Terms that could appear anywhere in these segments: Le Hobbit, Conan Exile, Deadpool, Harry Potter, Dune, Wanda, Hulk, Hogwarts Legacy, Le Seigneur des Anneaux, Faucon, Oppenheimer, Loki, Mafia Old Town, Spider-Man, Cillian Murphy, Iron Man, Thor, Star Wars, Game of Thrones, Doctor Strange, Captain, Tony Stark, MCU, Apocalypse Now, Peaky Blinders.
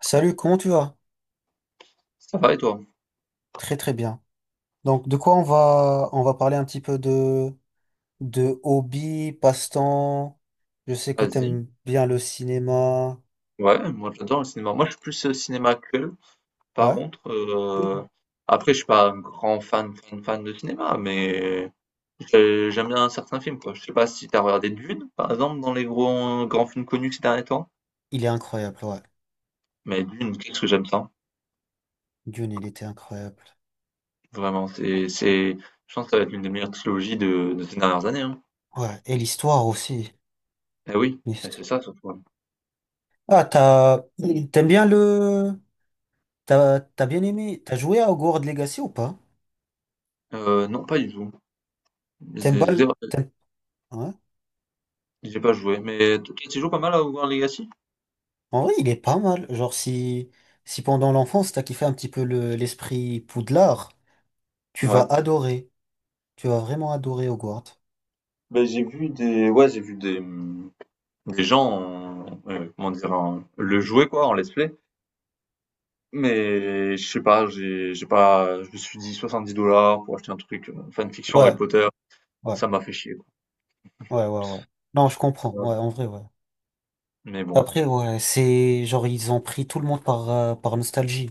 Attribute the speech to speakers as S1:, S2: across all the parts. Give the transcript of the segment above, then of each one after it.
S1: Salut, comment tu vas?
S2: Ça va et toi?
S1: Très très bien. Donc de quoi on va parler un petit peu de hobby, passe-temps. Je sais que
S2: Vas-y.
S1: t'aimes bien le cinéma.
S2: Ouais, moi j'adore le cinéma. Moi je suis plus cinéma actuel. Par
S1: Ouais,
S2: contre, après je suis pas un grand fan de cinéma, mais j'aime bien certains films quoi. Je sais pas si t'as regardé Dune, par exemple, dans les gros grands films connus ces derniers temps.
S1: il est incroyable, ouais.
S2: Mais Dune, qu'est-ce que j'aime ça.
S1: Dune, il était incroyable.
S2: Vraiment, je pense que ça va être l'une des meilleures trilogies de ces dernières années, hein.
S1: Ouais, et l'histoire aussi.
S2: Eh oui, eh,
S1: L'histo-
S2: c'est ça surtout, hein.
S1: Ah, t'as T'aimes bien le t'as bien aimé. T'as joué à Hogwarts Legacy ou pas?
S2: Non, pas du tout.
S1: T'aimes
S2: J'ai
S1: pas
S2: j'ai-
S1: le t'aimes- Ouais.
S2: j'ai pas joué, mais tu joues pas mal à Hogwarts Legacy?
S1: En vrai, il est pas mal. Genre si pendant l'enfance t'as kiffé un petit peu le l'esprit Poudlard, tu vas
S2: Ouais.
S1: adorer. Tu vas vraiment adorer Hogwarts.
S2: Ben j'ai vu des, ouais, des gens, comment dire, le jouer quoi, en let's play. Mais je sais pas, j'ai pas, je me suis dit 70 dollars pour acheter un truc fanfiction Harry
S1: Ouais,
S2: Potter,
S1: ouais,
S2: ça m'a fait chier quoi.
S1: ouais, ouais, ouais. Non, je
S2: Ça
S1: comprends.
S2: m'a-
S1: Ouais, en vrai, ouais.
S2: Mais bon,
S1: Après, ouais, c'est genre ils ont pris tout le monde par, par nostalgie.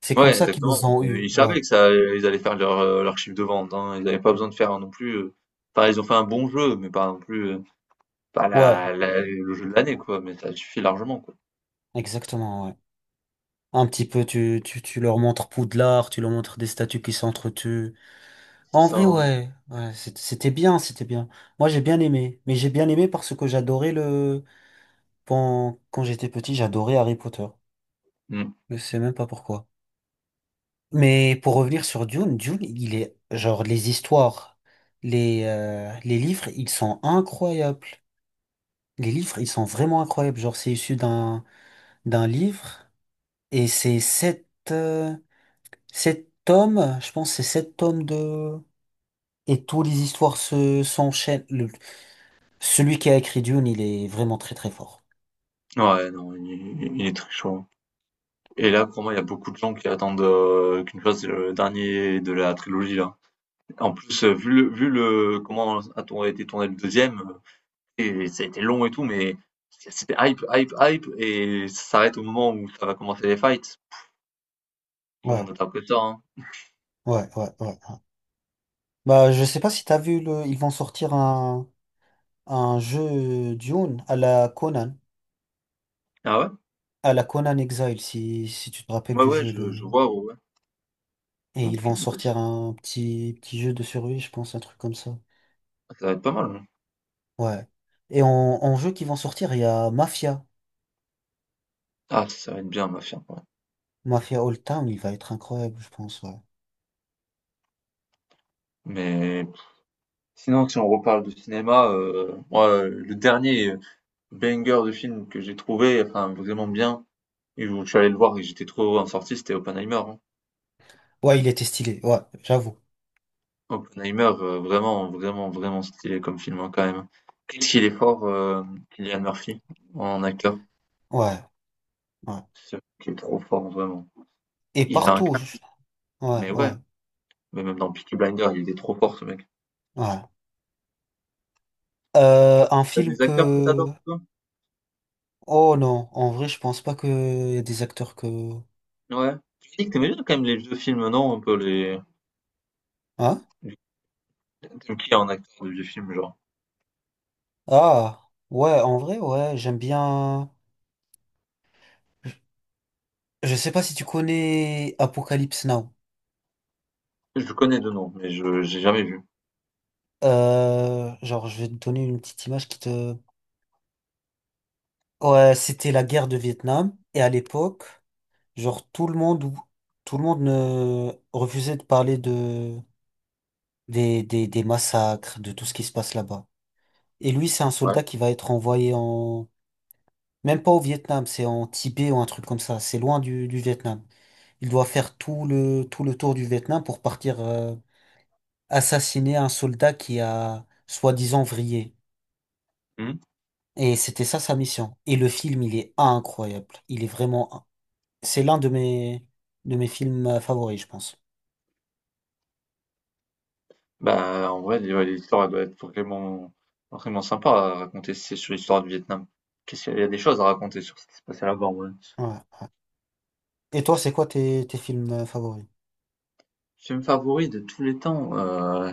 S1: C'est comme
S2: ouais,
S1: ça qu'ils
S2: exactement.
S1: nous ont eu.
S2: Ils
S1: Ouais,
S2: savaient que ça, ils allaient faire leur, leur chiffre de vente, hein. Ils n'avaient pas besoin de faire non plus, enfin, ils ont fait un bon jeu, mais pas non plus pas
S1: ouais,
S2: le jeu de l'année quoi. Mais ça suffit largement quoi.
S1: exactement, ouais. Un petit peu, tu leur montres Poudlard, tu leur montres des statues qui s'entretuent.
S2: C'est
S1: En
S2: ça,
S1: vrai,
S2: hein.
S1: ouais, ouais, c'était bien, c'était bien. Moi, j'ai bien aimé. Mais j'ai bien aimé parce que j'adorais le, quand, j'étais petit, j'adorais Harry Potter.
S2: Mm.
S1: Je sais même pas pourquoi. Mais pour revenir sur Dune, Dune, il est genre les histoires, les livres, ils sont incroyables. Les livres, ils sont vraiment incroyables. Genre, c'est issu d'un livre et c'est sept, sept tomes, je pense, que c'est sept tomes de. Et toutes les histoires se s'enchaînent. Celui qui a écrit Dune, il est vraiment très très fort.
S2: Ouais, non, il est très chaud, hein. Et là, pour moi, il y a beaucoup de gens qui attendent qu'une chose, c'est le dernier de la trilogie, là. En plus, vu le, a été tourné le deuxième, et ça a été long et tout, mais c'était hype, et ça s'arrête au moment où ça va commencer les fights. Tout le
S1: Ouais,
S2: monde interprète ça, hein.
S1: ouais, ouais, ouais, ouais. Bah, je sais pas si t'as vu le. Ils vont sortir un jeu Dune
S2: Ah ouais?
S1: à la Conan Exile, si, tu te rappelles
S2: Ouais,
S1: du
S2: ouais,
S1: jeu. Le...
S2: je vois, ouais, ouais.
S1: Et ils
S2: Ok,
S1: vont
S2: bah,
S1: sortir un petit, petit jeu de survie, je pense, un truc comme ça.
S2: ça va être pas mal, hein.
S1: Ouais. Et en, jeu qui vont sortir, il y a Mafia.
S2: Ah, ça va être bien, ma chère, ouais.
S1: Mafia Old Town, il va être incroyable, je pense. Ouais,
S2: Mais sinon, si on reparle de cinéma, moi, le dernier banger de film que j'ai trouvé, enfin, vraiment bien, et où je suis allé le voir et j'étais trop en sortie, c'était Oppenheimer, hein.
S1: ouais il était stylé, ouais, j'avoue.
S2: Oppenheimer, vraiment, vraiment, vraiment stylé comme film, hein, quand même. Qu'est-ce qu'il est fort, Cillian Murphy, en acteur.
S1: Ouais, ouais.
S2: C'est un mec qui est trop fort, vraiment.
S1: Et
S2: Il a un
S1: partout, je-
S2: casque,
S1: ouais,
S2: mais ouais.
S1: ouais,
S2: Mais même dans Peaky Blinders, il est trop fort, ce mec.
S1: ouais. Un
S2: T'as
S1: film
S2: des acteurs que
S1: que...
S2: t'adores, toi?
S1: Oh non, en vrai, je pense pas qu'il y a des acteurs que...
S2: Ouais. Tu dis que t'aimais bien quand même les vieux films, non? Un peu les...
S1: Hein?
S2: les- T'aimes qui en acteur de vieux films, genre?
S1: Ah, ouais, en vrai, ouais, j'aime bien. Je sais pas si tu connais Apocalypse Now.
S2: Je connais de nom, mais je j'ai jamais vu.
S1: Genre, je vais te donner une petite image qui te. Ouais, c'était la guerre de Vietnam. Et à l'époque, genre, tout le monde, tout le monde ne refusait de parler de des massacres, de tout ce qui se passe là-bas. Et lui, c'est un
S2: Ouais.
S1: soldat qui va être envoyé en. Même pas au Vietnam, c'est en Tibet ou un truc comme ça. C'est loin du, Vietnam. Il doit faire tout le, tour du Vietnam pour partir. Assassiner un soldat qui a soi-disant vrillé.
S2: Hmm.
S1: Et c'était ça sa mission. Et le film, il est incroyable. Il est vraiment... C'est l'un de mes films favoris, je pense.
S2: Bah, en vrai, ouais, l'histoire, elle doit être vraiment, vraiment sympa à raconter si c'est sur l'histoire du Vietnam. Qu'est-ce qu'il y a des choses à raconter sur ce qui s'est passé là-bas, en vrai.
S1: Ouais. Et toi, c'est quoi tes, tes films favoris?
S2: Film favori de tous les temps,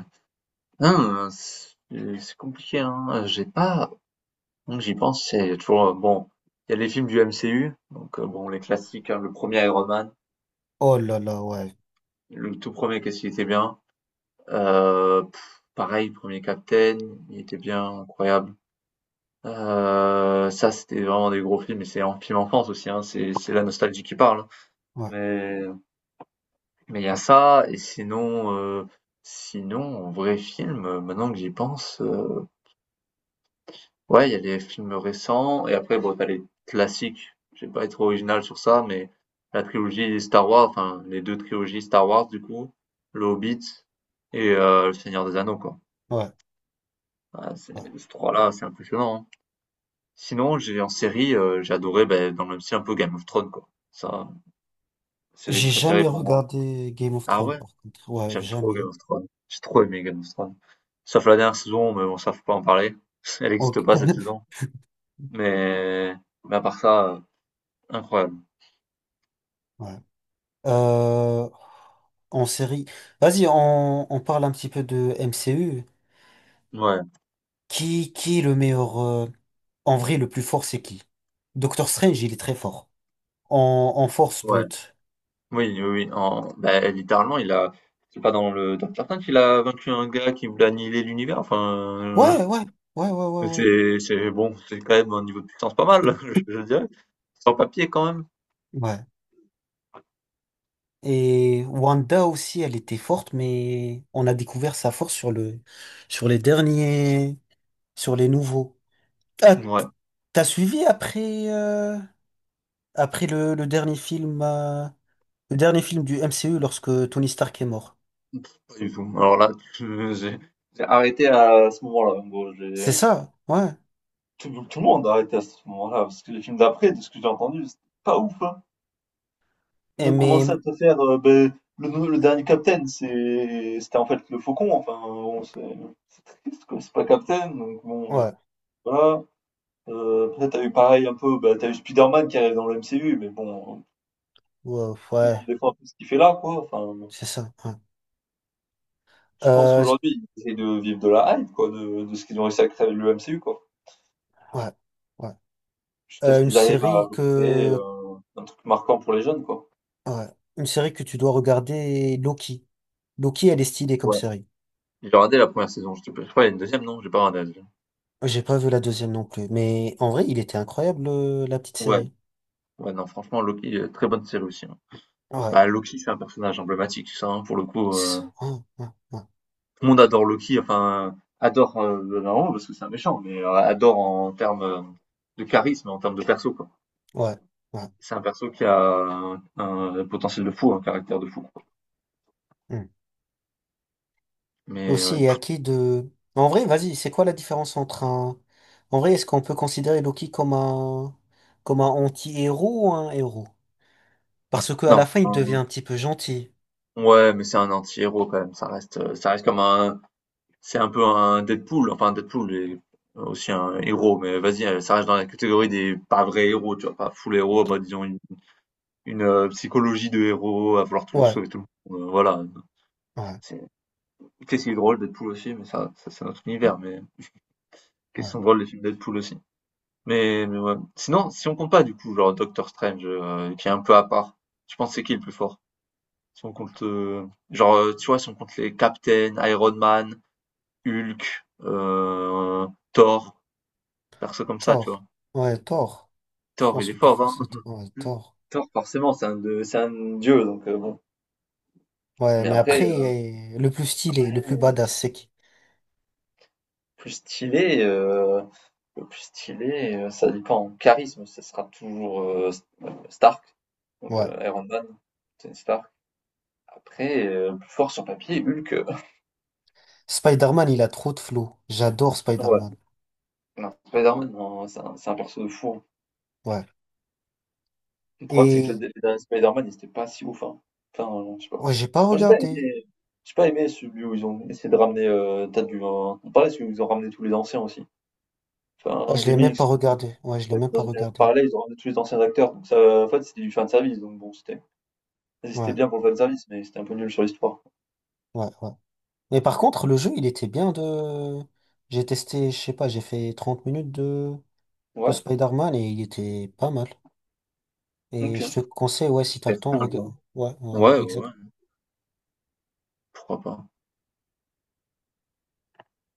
S2: hein, c'est compliqué, hein. J'ai pas, donc j'y pense, c'est toujours, bon, il y a les films du MCU, donc, bon, les classiques, hein, le premier Iron Man,
S1: Oh là là, ouais.
S2: le tout premier, qu'est-ce qu'il était bien, pff, pareil, premier Captain, il était bien, incroyable. Ça, c'était vraiment des gros films et c'est un film enfance aussi, hein, c'est la nostalgie qui parle, hein.
S1: Ouais,
S2: Mais mais il y a ça et sinon, sinon en vrai film, maintenant que j'y pense, ouais, il y a les films récents et après bon, tu as les classiques. Je vais pas être original sur ça, mais la trilogie Star Wars, enfin les 2 trilogies Star Wars du coup, Le Hobbit et Le Seigneur des Anneaux quoi.
S1: ouais,
S2: Ah, c'est
S1: ouais.
S2: ces 3 là, c'est impressionnant, hein. Sinon, j'ai en série, j'ai adoré, beh, dans le même style, un peu Game of Thrones, quoi. Ça, série
S1: J'ai
S2: préférée
S1: jamais
S2: pour moi.
S1: regardé Game of
S2: Ah
S1: Thrones,
S2: ouais?
S1: par contre. Ouais,
S2: J'aime trop
S1: jamais.
S2: Game of Thrones. J'ai trop aimé Game of Thrones. Sauf la dernière saison, mais bon, ça, faut pas en parler. Elle n'existe
S1: Ok.
S2: pas, cette saison. Mais mais à part ça, incroyable.
S1: Ouais. Euh, En série. Vas-y, on, parle un petit peu de MCU.
S2: Ouais,
S1: Qui est le meilleur... En vrai, le plus fort, c'est qui? Doctor Strange, il est très fort. En, force
S2: ouais.
S1: brute.
S2: Oui, oui, oui, en beh, littéralement, il a c'est pas dans le Docteur Strange qu'il a vaincu un gars qui voulait annihiler l'univers? Enfin,
S1: Ouais, ouais, ouais, ouais, ouais, ouais.
S2: c'est bon, c'est quand même un niveau de puissance pas mal, je dirais. Sans papier, quand même.
S1: Ouais. Et Wanda aussi, elle était forte, mais on a découvert sa force sur le, sur les derniers, sur les nouveaux. Ah, t-
S2: Ouais.
S1: T'as suivi après, après le, dernier film, le dernier film du MCU lorsque Tony Stark est mort.
S2: Pff, pas du tout. Alors là, j'ai arrêté à ce moment-là, en gros.
S1: C'est ça, ouais.
S2: Tout le monde a arrêté à ce moment-là, parce que les films d'après, de ce que j'ai entendu, c'était pas ouf, hein. Ils
S1: Et
S2: ont
S1: mais,
S2: commencé à te faire le dernier Captain, c'était en fait le Faucon. Enfin, bon, c'est triste, quoi. C'est pas Captain, donc bon,
S1: ouais,
S2: voilà. Après, t'as eu pareil un peu, bah, t'as eu Spider-Man qui arrive dans le MCU, mais bon,
S1: ouais,
S2: tu te
S1: ouais,
S2: demandes des fois un peu ce qu'il fait là, quoi. Enfin,
S1: c'est ça. Ouais.
S2: je pense
S1: Euh,
S2: qu'aujourd'hui, ils essayent de vivre de la hype, quoi, de ce qu'ils ont réussi à créer avec le MCU, quoi.
S1: ouais, ouais.
S2: Jusqu'à ce
S1: Une
S2: qu'ils arrivent à
S1: série
S2: créer
S1: que
S2: un truc marquant pour les jeunes, quoi.
S1: ouais. Une série que tu dois regarder, Loki. Loki, elle est stylée comme
S2: Ouais.
S1: série.
S2: J'ai regardé la première saison. Je sais pas, je crois qu'il y a une deuxième, non? J'ai pas regardé la deuxième.
S1: J'ai pas vu la deuxième non plus, mais en vrai, il était incroyable, la petite
S2: Ouais.
S1: série.
S2: Ouais, non, franchement, Loki, très bonne série aussi, hein.
S1: Ouais,
S2: Bah, Loki, c'est un personnage emblématique, ça, hein, pour le coup,
S1: c'est ça. Ouais, ouais,
S2: tout le monde adore Loki, enfin, adore, non, parce que c'est un méchant, mais adore en termes de charisme, en termes de perso, quoi.
S1: ouais, ouais, ouais.
S2: C'est un perso qui a un potentiel de fou, un caractère de fou, quoi.
S1: Hmm.
S2: Mais, ouais,
S1: Aussi, et à
S2: pff,
S1: qui de... En vrai, vas-y, c'est quoi la différence entre un... En vrai, est-ce qu'on peut considérer Loki comme un anti-héros ou un héros? Parce qu'à
S2: non,
S1: la fin, il devient un petit peu gentil.
S2: ouais, mais c'est un anti-héros, quand même. Ça reste comme un, c'est un peu un Deadpool, enfin Deadpool est aussi un héros, mais vas-y, ça reste dans la catégorie des pas vrais héros, tu vois, pas full héros, bah, psychologie de héros à vouloir toujours
S1: Ouais,
S2: sauver tout le monde. Voilà,
S1: ouais,
S2: c'est qu'est-ce qui est drôle Deadpool aussi, mais ça c'est notre univers, mais qu'est-ce qui
S1: ouais.
S2: sont drôles les films Deadpool aussi. Mais ouais. Sinon, si on compte pas du coup, genre Doctor Strange, qui est un peu à part, tu penses c'est qui le plus fort? Si on compte, genre, tu vois, si on compte les Captain, Iron Man, Hulk, Thor, perso comme ça, tu vois.
S1: Thor. Ouais, Thor. Je
S2: Thor, il
S1: pense
S2: est
S1: le plus
S2: fort,
S1: fort,
S2: hein.
S1: c'est ouais, Thor.
S2: Thor, forcément, c'est un, c'est un dieu, donc bon.
S1: Ouais,
S2: Mais
S1: mais
S2: après,
S1: après, le plus stylé, le plus
S2: ouais,
S1: badass, c'est qui?
S2: plus stylé, le plus stylé, ça dépend. En charisme, ce sera toujours Stark, donc
S1: Ouais.
S2: Iron Man, Tony Stark. Après, plus fort sur papier, Hulk,
S1: Spider-Man, il a trop de flow. J'adore
S2: ouais.
S1: Spider-Man.
S2: Non, Spider-Man, non, c'est un perso de fou.
S1: Ouais.
S2: Le problème, c'est que
S1: Et
S2: le dernier Spider-Man, il était pas si ouf, hein. Enfin, je sais pas.
S1: ouais, j'ai pas
S2: Moi,
S1: regardé.
S2: j'ai pas aimé celui où ils ont essayé de ramener, t'as du, pareil, celui où ils ont ramené tous les anciens aussi. Enfin,
S1: Ouais,
S2: un
S1: je l'ai même
S2: remix.
S1: pas regardé. Ouais, je l'ai
S2: En fait,
S1: même
S2: dans
S1: pas
S2: un univers
S1: regardé.
S2: parallèle, ils ont ramené tous les anciens acteurs, donc ça, en fait, c'était du fan service, donc bon, c'était, c'était
S1: Ouais,
S2: bien pour le fan service, mais c'était un peu nul sur l'histoire.
S1: ouais, ouais. Mais par contre, le jeu, il était bien de... J'ai testé, je sais pas, j'ai fait 30 minutes de
S2: Ouais,
S1: Spider-Man et il était pas mal.
S2: ok.
S1: Et je te conseille, ouais, si t'as
S2: C'était
S1: le temps,
S2: très mal, hein.
S1: ouais, ouais, ouais,
S2: Ouais, ouais, ouais,
S1: exactement.
S2: pourquoi pas.